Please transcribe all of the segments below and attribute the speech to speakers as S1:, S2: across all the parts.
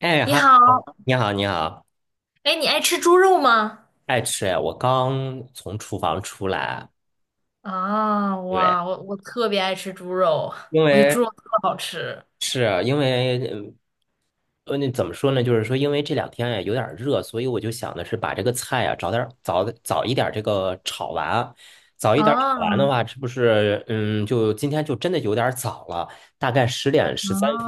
S1: 哎
S2: 你
S1: 哈
S2: 好，
S1: 喽，你好，你好，
S2: 哎，你爱吃猪肉吗？
S1: 爱吃哎，我刚从厨房出来。
S2: 啊，
S1: 对，
S2: 哇，我特别爱吃猪肉，
S1: 因
S2: 我觉得猪
S1: 为
S2: 肉特好吃。
S1: 是因为嗯呃，那怎么说呢？就是说，因为这两天呀有点儿热，所以我就想的是把这个菜呀早早一点儿这个炒完。早一点儿炒完的
S2: 啊
S1: 话，这不是就今天就真的有点儿早了，大概10点13分。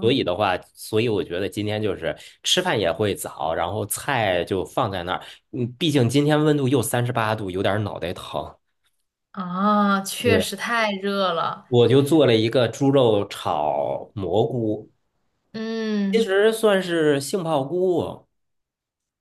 S1: 所以的话，所以我觉得今天就是吃饭也会早，然后菜就放在那儿。嗯，毕竟今天温度又38度，有点儿脑袋疼。
S2: 啊！确
S1: 对，
S2: 实太热了。
S1: 我就做了一个猪肉炒蘑菇，其
S2: 嗯，
S1: 实算是杏鲍菇。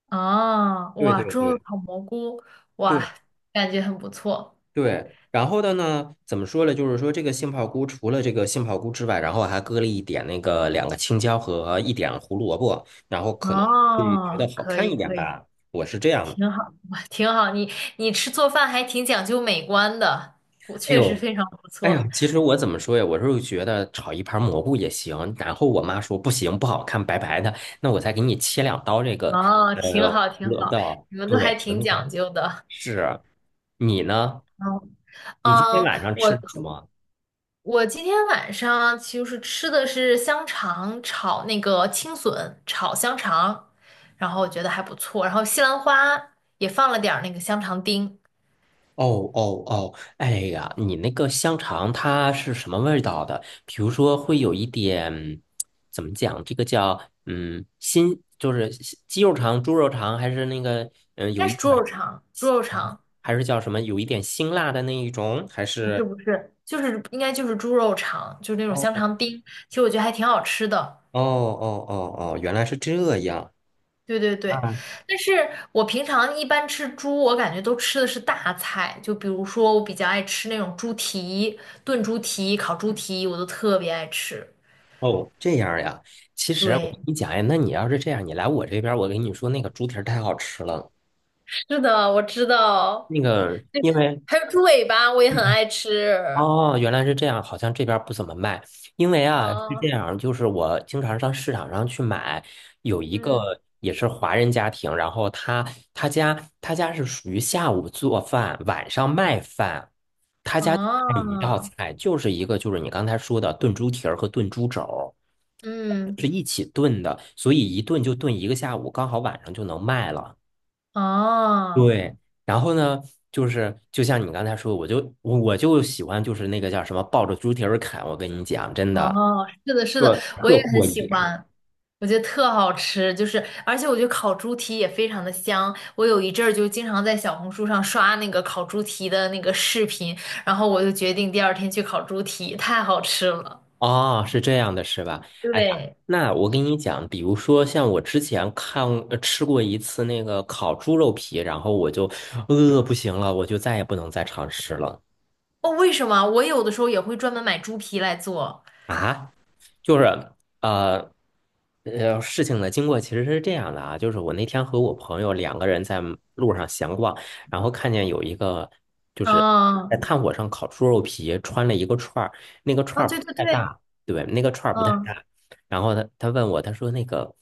S2: 啊，
S1: 对
S2: 哇，
S1: 对
S2: 猪肉
S1: 对。
S2: 炒蘑菇，哇，
S1: 对，
S2: 感觉很不错。
S1: 对，然后的呢，怎么说呢？就是说这个杏鲍菇除了这个杏鲍菇之外，然后还搁了一点那个两个青椒和一点胡萝卜，然后可能
S2: 哦，可
S1: 看一
S2: 以
S1: 点
S2: 可以，
S1: 吧。我是这样的。
S2: 挺好，哇，挺好。你吃做饭还挺讲究美观的，不，
S1: 哎
S2: 确实
S1: 呦，
S2: 非常不
S1: 哎呦，
S2: 错。
S1: 其实我怎么说呀？我是觉得炒一盘蘑菇也行，然后我妈说不行，不好看，白白的，那我再给你切两刀这个
S2: 哦，挺
S1: 呃
S2: 好
S1: 胡
S2: 挺
S1: 萝
S2: 好，
S1: 卜。
S2: 你们都还
S1: 对，我
S2: 挺
S1: 那个
S2: 讲究的。
S1: 是啊。你呢？
S2: 嗯
S1: 你今天
S2: 嗯，
S1: 晚上
S2: 我
S1: 吃什么？
S2: 我今天晚上就是吃的是香肠炒那个青笋炒香肠，然后我觉得还不错，然后西兰花也放了点儿那个香肠丁，应
S1: 哦哦哦，哎呀，你那个香肠它是什么味道的？比如说会有一点，怎么讲？这个叫新就是西鸡肉肠、猪肉肠，还是那个
S2: 该
S1: 有一
S2: 是
S1: 点，
S2: 猪肉肠，猪肉
S1: 嗯，
S2: 肠
S1: 还是叫什么？有一点辛辣的那一种，还
S2: 不是
S1: 是？
S2: 不是，就是应该就是猪肉肠，就是那种香
S1: 哦
S2: 肠丁，其实我觉得还挺好吃的。
S1: 哦哦哦哦，原来是这样。
S2: 对对对，
S1: 啊，
S2: 但是我平常一般吃猪，我感觉都吃的是大菜，就比如说我比较爱吃那种猪蹄、炖猪蹄、烤猪蹄，我都特别爱吃。
S1: 哦，这样呀。其实我跟
S2: 对，
S1: 你讲呀，那你要是这样，你来我这边儿，我跟你说，那个猪蹄儿太好吃了。
S2: 是的，我知道，
S1: 那个，因为
S2: 还有猪尾巴，我也很爱吃。
S1: 哦，原来是这样，好像这边儿不怎么卖。因为啊是这
S2: 啊，
S1: 样，就是我经常上市场上去买，有一
S2: 嗯，
S1: 个也是华人家庭，然后他家是属于下午做饭，晚上卖饭。他家就卖一道
S2: 啊，
S1: 菜就是一个就是你刚才说的炖猪蹄儿和炖猪肘儿，
S2: 嗯，
S1: 是一起炖的，所以一炖就炖一个下午，刚好晚上就能卖了。
S2: 啊。
S1: 对，然后呢，就像你刚才说，我就喜欢就是那个叫什么抱着猪蹄儿啃。我跟你讲，真
S2: 哦，
S1: 的，
S2: 是的，是
S1: 对，
S2: 的，我也
S1: 特
S2: 很
S1: 过瘾。
S2: 喜欢，我觉得特好吃，就是而且我觉得烤猪蹄也非常的香。我有一阵儿就经常在小红书上刷那个烤猪蹄的那个视频，然后我就决定第二天去烤猪蹄，太好吃了。
S1: 哦，是这样的，是吧？哎呀，
S2: 对，
S1: 那我跟你讲，比如说像我之前吃过一次那个烤猪肉皮，然后我就饿不行了，我就再也不能再尝试了
S2: 哦，为什么？我有的时候也会专门买猪皮来做。
S1: 啊。就是呃事情的经过其实是这样的啊，就是我那天和我朋友两个人在路上闲逛，然后看见有一个就是在
S2: 嗯，
S1: 炭火上烤猪肉皮，穿了一个串儿，那个
S2: 啊，
S1: 串儿不
S2: 对对
S1: 太
S2: 对，
S1: 大。对，那个串儿不太
S2: 嗯，
S1: 大。然后他问我，他说那个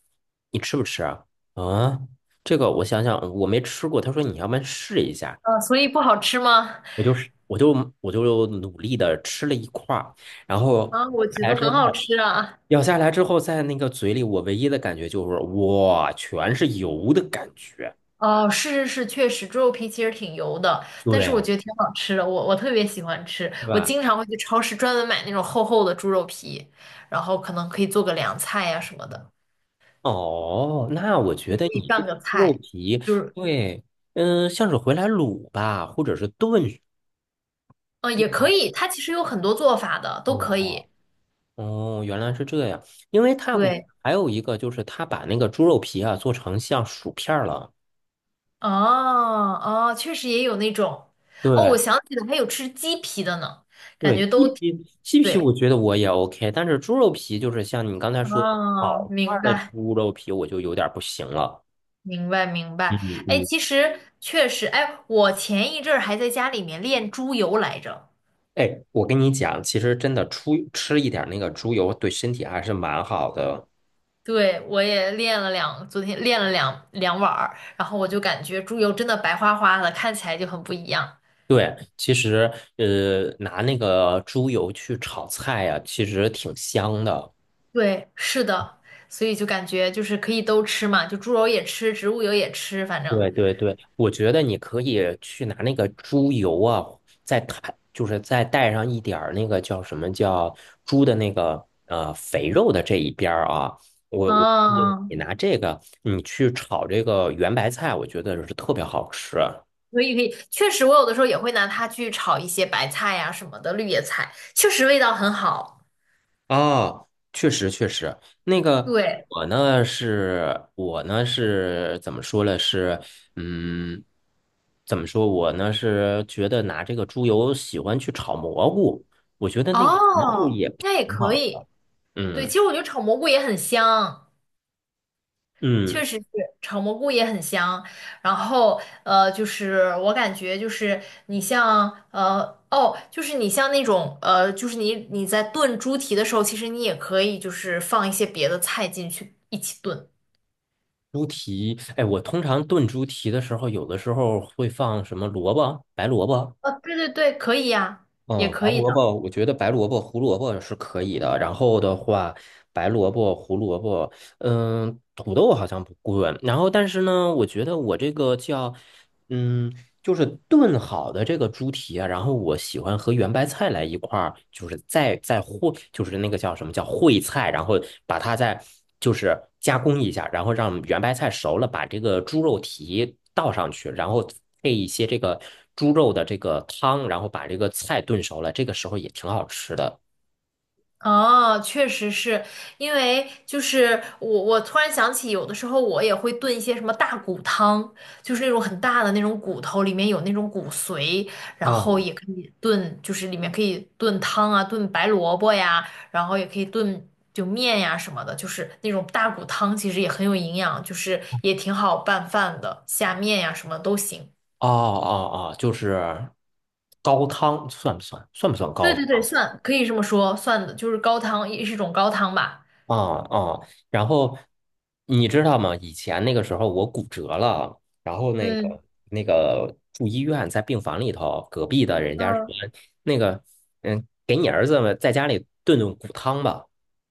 S1: 你吃不吃啊？嗯，这个我想想，我没吃过。他说你要不然试一下，
S2: 啊，所以不好吃吗？
S1: 我就是我就我就努力的吃了一块儿，然后
S2: 啊，我觉
S1: 来
S2: 得
S1: 之
S2: 很好
S1: 后。
S2: 吃啊。
S1: 咬下来之后，在那个嘴里，我唯一的感觉就是哇，全是油的感觉。
S2: 哦，是是是，确实，猪肉皮其实挺油的，但是我
S1: 对，
S2: 觉得挺好吃的，我特别喜欢吃，
S1: 是
S2: 我
S1: 吧？
S2: 经常会去超市专门买那种厚厚的猪肉皮，然后可能可以做个凉菜呀、什么的，
S1: 哦，那我觉
S2: 也可
S1: 得
S2: 以
S1: 你这
S2: 拌
S1: 个
S2: 个
S1: 猪肉
S2: 菜，
S1: 皮，
S2: 就是
S1: 对，像是回来卤吧，或者是炖。
S2: 嗯也可以，它其实有很多做法的，都可
S1: 哦
S2: 以。
S1: 哦，原来是这样。因为泰国
S2: 对，
S1: 还有一个就是他把那个猪肉皮啊做成像薯片儿了。
S2: 哦哦，确实也有那种，哦，我
S1: 对
S2: 想起来还有吃鸡皮的呢，感
S1: 对，
S2: 觉都
S1: 鸡
S2: 挺
S1: 皮鸡皮我
S2: 对，
S1: 觉得我也 OK，但是猪肉皮就是像你刚才说的
S2: 哦，
S1: 烤串
S2: 明
S1: 儿的
S2: 白。
S1: 猪肉皮，我就有点儿不行了。
S2: 明白明
S1: 嗯
S2: 白，哎，
S1: 嗯，
S2: 其实确实，哎，我前一阵儿还在家里面练猪油来着，
S1: 哎，我跟你讲，其实真的出吃一点那个猪油对身体还是蛮好的。
S2: 对，我也练了两，昨天练了两碗儿，然后我就感觉猪油真的白花花的，看起来就很不一样。
S1: 对，其实拿那个猪油去炒菜呀、其实挺香的。
S2: 对，是的，所以就感觉就是可以都吃嘛，就猪油也吃，植物油也吃，反正，
S1: 对对对，我觉得你可以去拿那个猪油啊，再摊，就是再带上一点儿那个叫什么叫猪的那个肥肉的这一边儿啊。我建议
S2: 嗯，
S1: 你拿这个，你去炒这个圆白菜，我觉得是特别好吃。
S2: 可以可以，确实，我有的时候也会拿它去炒一些白菜呀、什么的，绿叶菜，确实味道很好。
S1: 啊，确实确实，那个
S2: 对，
S1: 我呢是怎么说呢？是，嗯，怎么说？我呢是觉得拿这个猪油喜欢去炒蘑菇，我觉得那个蘑菇
S2: 哦，
S1: 也挺
S2: 那也可
S1: 好的。
S2: 以。对，
S1: 嗯
S2: 其实我觉得炒蘑菇也很香，确
S1: 嗯，
S2: 实是炒蘑菇也很香。然后就是我感觉就是你像哦，就是你像那种就是你在炖猪蹄的时候，其实你也可以就是放一些别的菜进去一起炖。
S1: 猪蹄，哎，我通常炖猪蹄的时候，有的时候会放什么萝卜，白萝卜。
S2: 啊，对对对，可以呀，也
S1: 嗯，
S2: 可
S1: 白
S2: 以
S1: 萝
S2: 的。
S1: 卜，我觉得白萝卜、胡萝卜是可以的。然后的话，白萝卜、胡萝卜，嗯，土豆好像不贵。然后，但是呢，我觉得我这个叫，嗯，就是炖好的这个猪蹄啊，然后我喜欢和圆白菜来一块儿，就是再烩，就是那个叫什么叫烩菜，然后把它再就是加工一下，然后让圆白菜熟了，把这个猪肉蹄倒上去，然后配一些这个猪肉的这个汤，然后把这个菜炖熟了，这个时候也挺好吃的。
S2: 哦，确实是因为就是我，我突然想起，有的时候我也会炖一些什么大骨汤，就是那种很大的那种骨头，里面有那种骨髓，然
S1: 啊，
S2: 后
S1: 哦
S2: 也可以炖，就是里面可以炖汤啊，炖白萝卜呀，然后也可以炖就面呀什么的，就是那种大骨汤其实也很有营养，就是也挺好拌饭的，下面呀什么都行。
S1: 哦哦，就是高汤算不算？算不算
S2: 对
S1: 高
S2: 对对，
S1: 汤啊？
S2: 算可以这么说，算的就是高汤，也是一种高汤吧。
S1: 啊啊，然后你知道吗？以前那个时候我骨折了，然后那个
S2: 嗯
S1: 那个住医院，在病房里头，隔壁的人家说
S2: 嗯
S1: 那个给你儿子们在家里炖炖骨汤吧，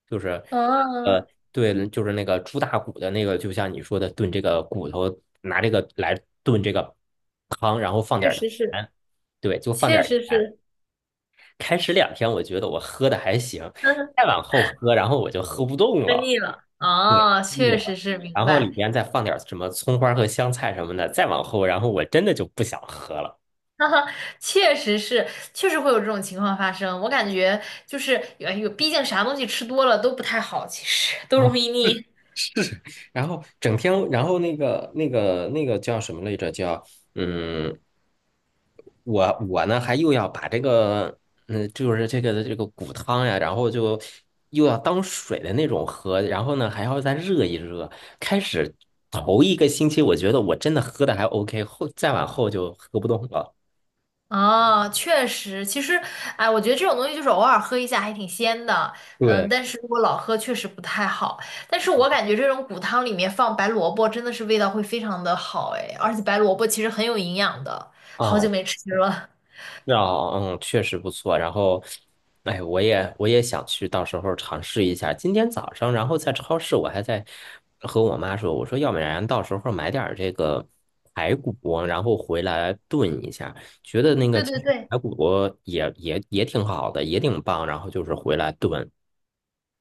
S1: 就是
S2: 嗯。
S1: 对，就是那个猪大骨的那个，就像你说的炖这个骨头，拿这个来炖这个汤，然后放
S2: 确
S1: 点儿
S2: 实是，
S1: 盐。对，就放点
S2: 确
S1: 儿
S2: 实
S1: 盐。
S2: 是，
S1: 开始两天我觉得我喝的还行，
S2: 呵呵，
S1: 再往后喝，然后我就喝不动
S2: 喝
S1: 了。
S2: 腻了。
S1: 对，
S2: 啊！
S1: 腻
S2: 确实
S1: 了，
S2: 是，明
S1: 然后里
S2: 白。
S1: 边再放点什么葱花和香菜什么的，再往后，然后我真的就不想喝了
S2: 哈哈，确实是，确实会有这种情况发生。我感觉就是，哎呦，毕竟啥东西吃多了都不太好，其实都
S1: 啊。
S2: 容易腻。
S1: 然后整天，然后那个叫什么来着？叫嗯，我呢还又要把这个就是这个骨汤呀，然后就又要当水的那种喝，然后呢还要再热一热。开始头一个星期，我觉得我真的喝的还 OK，后再往后就喝不动了。
S2: 啊。确实，其实，哎，我觉得这种东西就是偶尔喝一下还挺鲜的，嗯，
S1: 对。
S2: 但是如果老喝确实不太好。但是我感觉这种骨汤里面放白萝卜真的是味道会非常的好，哎，而且白萝卜其实很有营养的，好久
S1: 啊，
S2: 没吃了。
S1: 啊，嗯，确实不错。然后，哎，我也想去，到时候尝试一下。今天早上，然后在超市，我还在和我妈说，我说要不然到时候买点儿这个排骨，然后回来炖一下。觉得那 个
S2: 对
S1: 其
S2: 对
S1: 实
S2: 对，
S1: 排骨也挺好的，也挺棒。然后就是回来炖。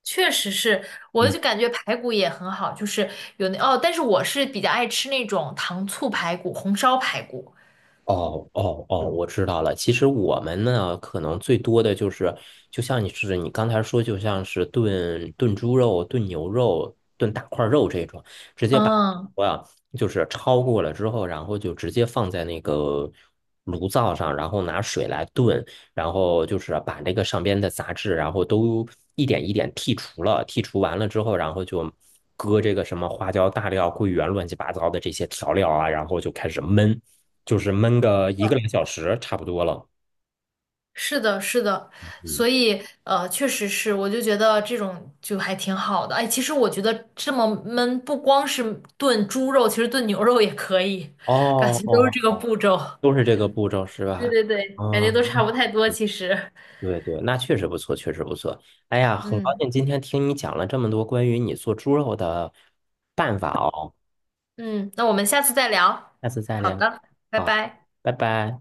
S2: 确实是，我
S1: 嗯。
S2: 就感觉排骨也很好，就是有那哦，但是我是比较爱吃那种糖醋排骨、红烧排骨。
S1: 哦哦哦，嗯我知道了。其实我们呢，可能最多的就是，就像你是你刚才说，就像是炖炖猪肉、炖牛肉、炖大块肉这种，直接把
S2: 嗯，
S1: 我呀就是焯过了之后，然后就直接放在那个炉灶上，然后拿水来炖，然后就是把那个上边的杂质，然后都一点一点剔除了。剔除完了之后，然后就搁这个什么花椒、大料、桂圆、乱七八糟的这些调料啊，然后就开始焖。就是焖个
S2: 是
S1: 一个
S2: 的，
S1: 来小时差不多了。
S2: 是的，是的，
S1: 嗯，
S2: 所以确实是，我就觉得这种就还挺好的。哎，其实我觉得这么焖，不光是炖猪肉，其实炖牛肉也可以，感
S1: 哦
S2: 觉都是
S1: 哦，
S2: 这个步骤。
S1: 都是这个步骤是
S2: 对
S1: 吧？
S2: 对对，感觉都差不
S1: 嗯，
S2: 太多，其实。
S1: 对对，那确实不错，确实不错。哎呀，很高
S2: 嗯
S1: 兴今天听你讲了这么多关于你做猪肉的办法哦。
S2: 嗯，那我们下次再聊。
S1: 下次再
S2: 好
S1: 聊。
S2: 的，拜
S1: 好，
S2: 拜。
S1: 拜拜。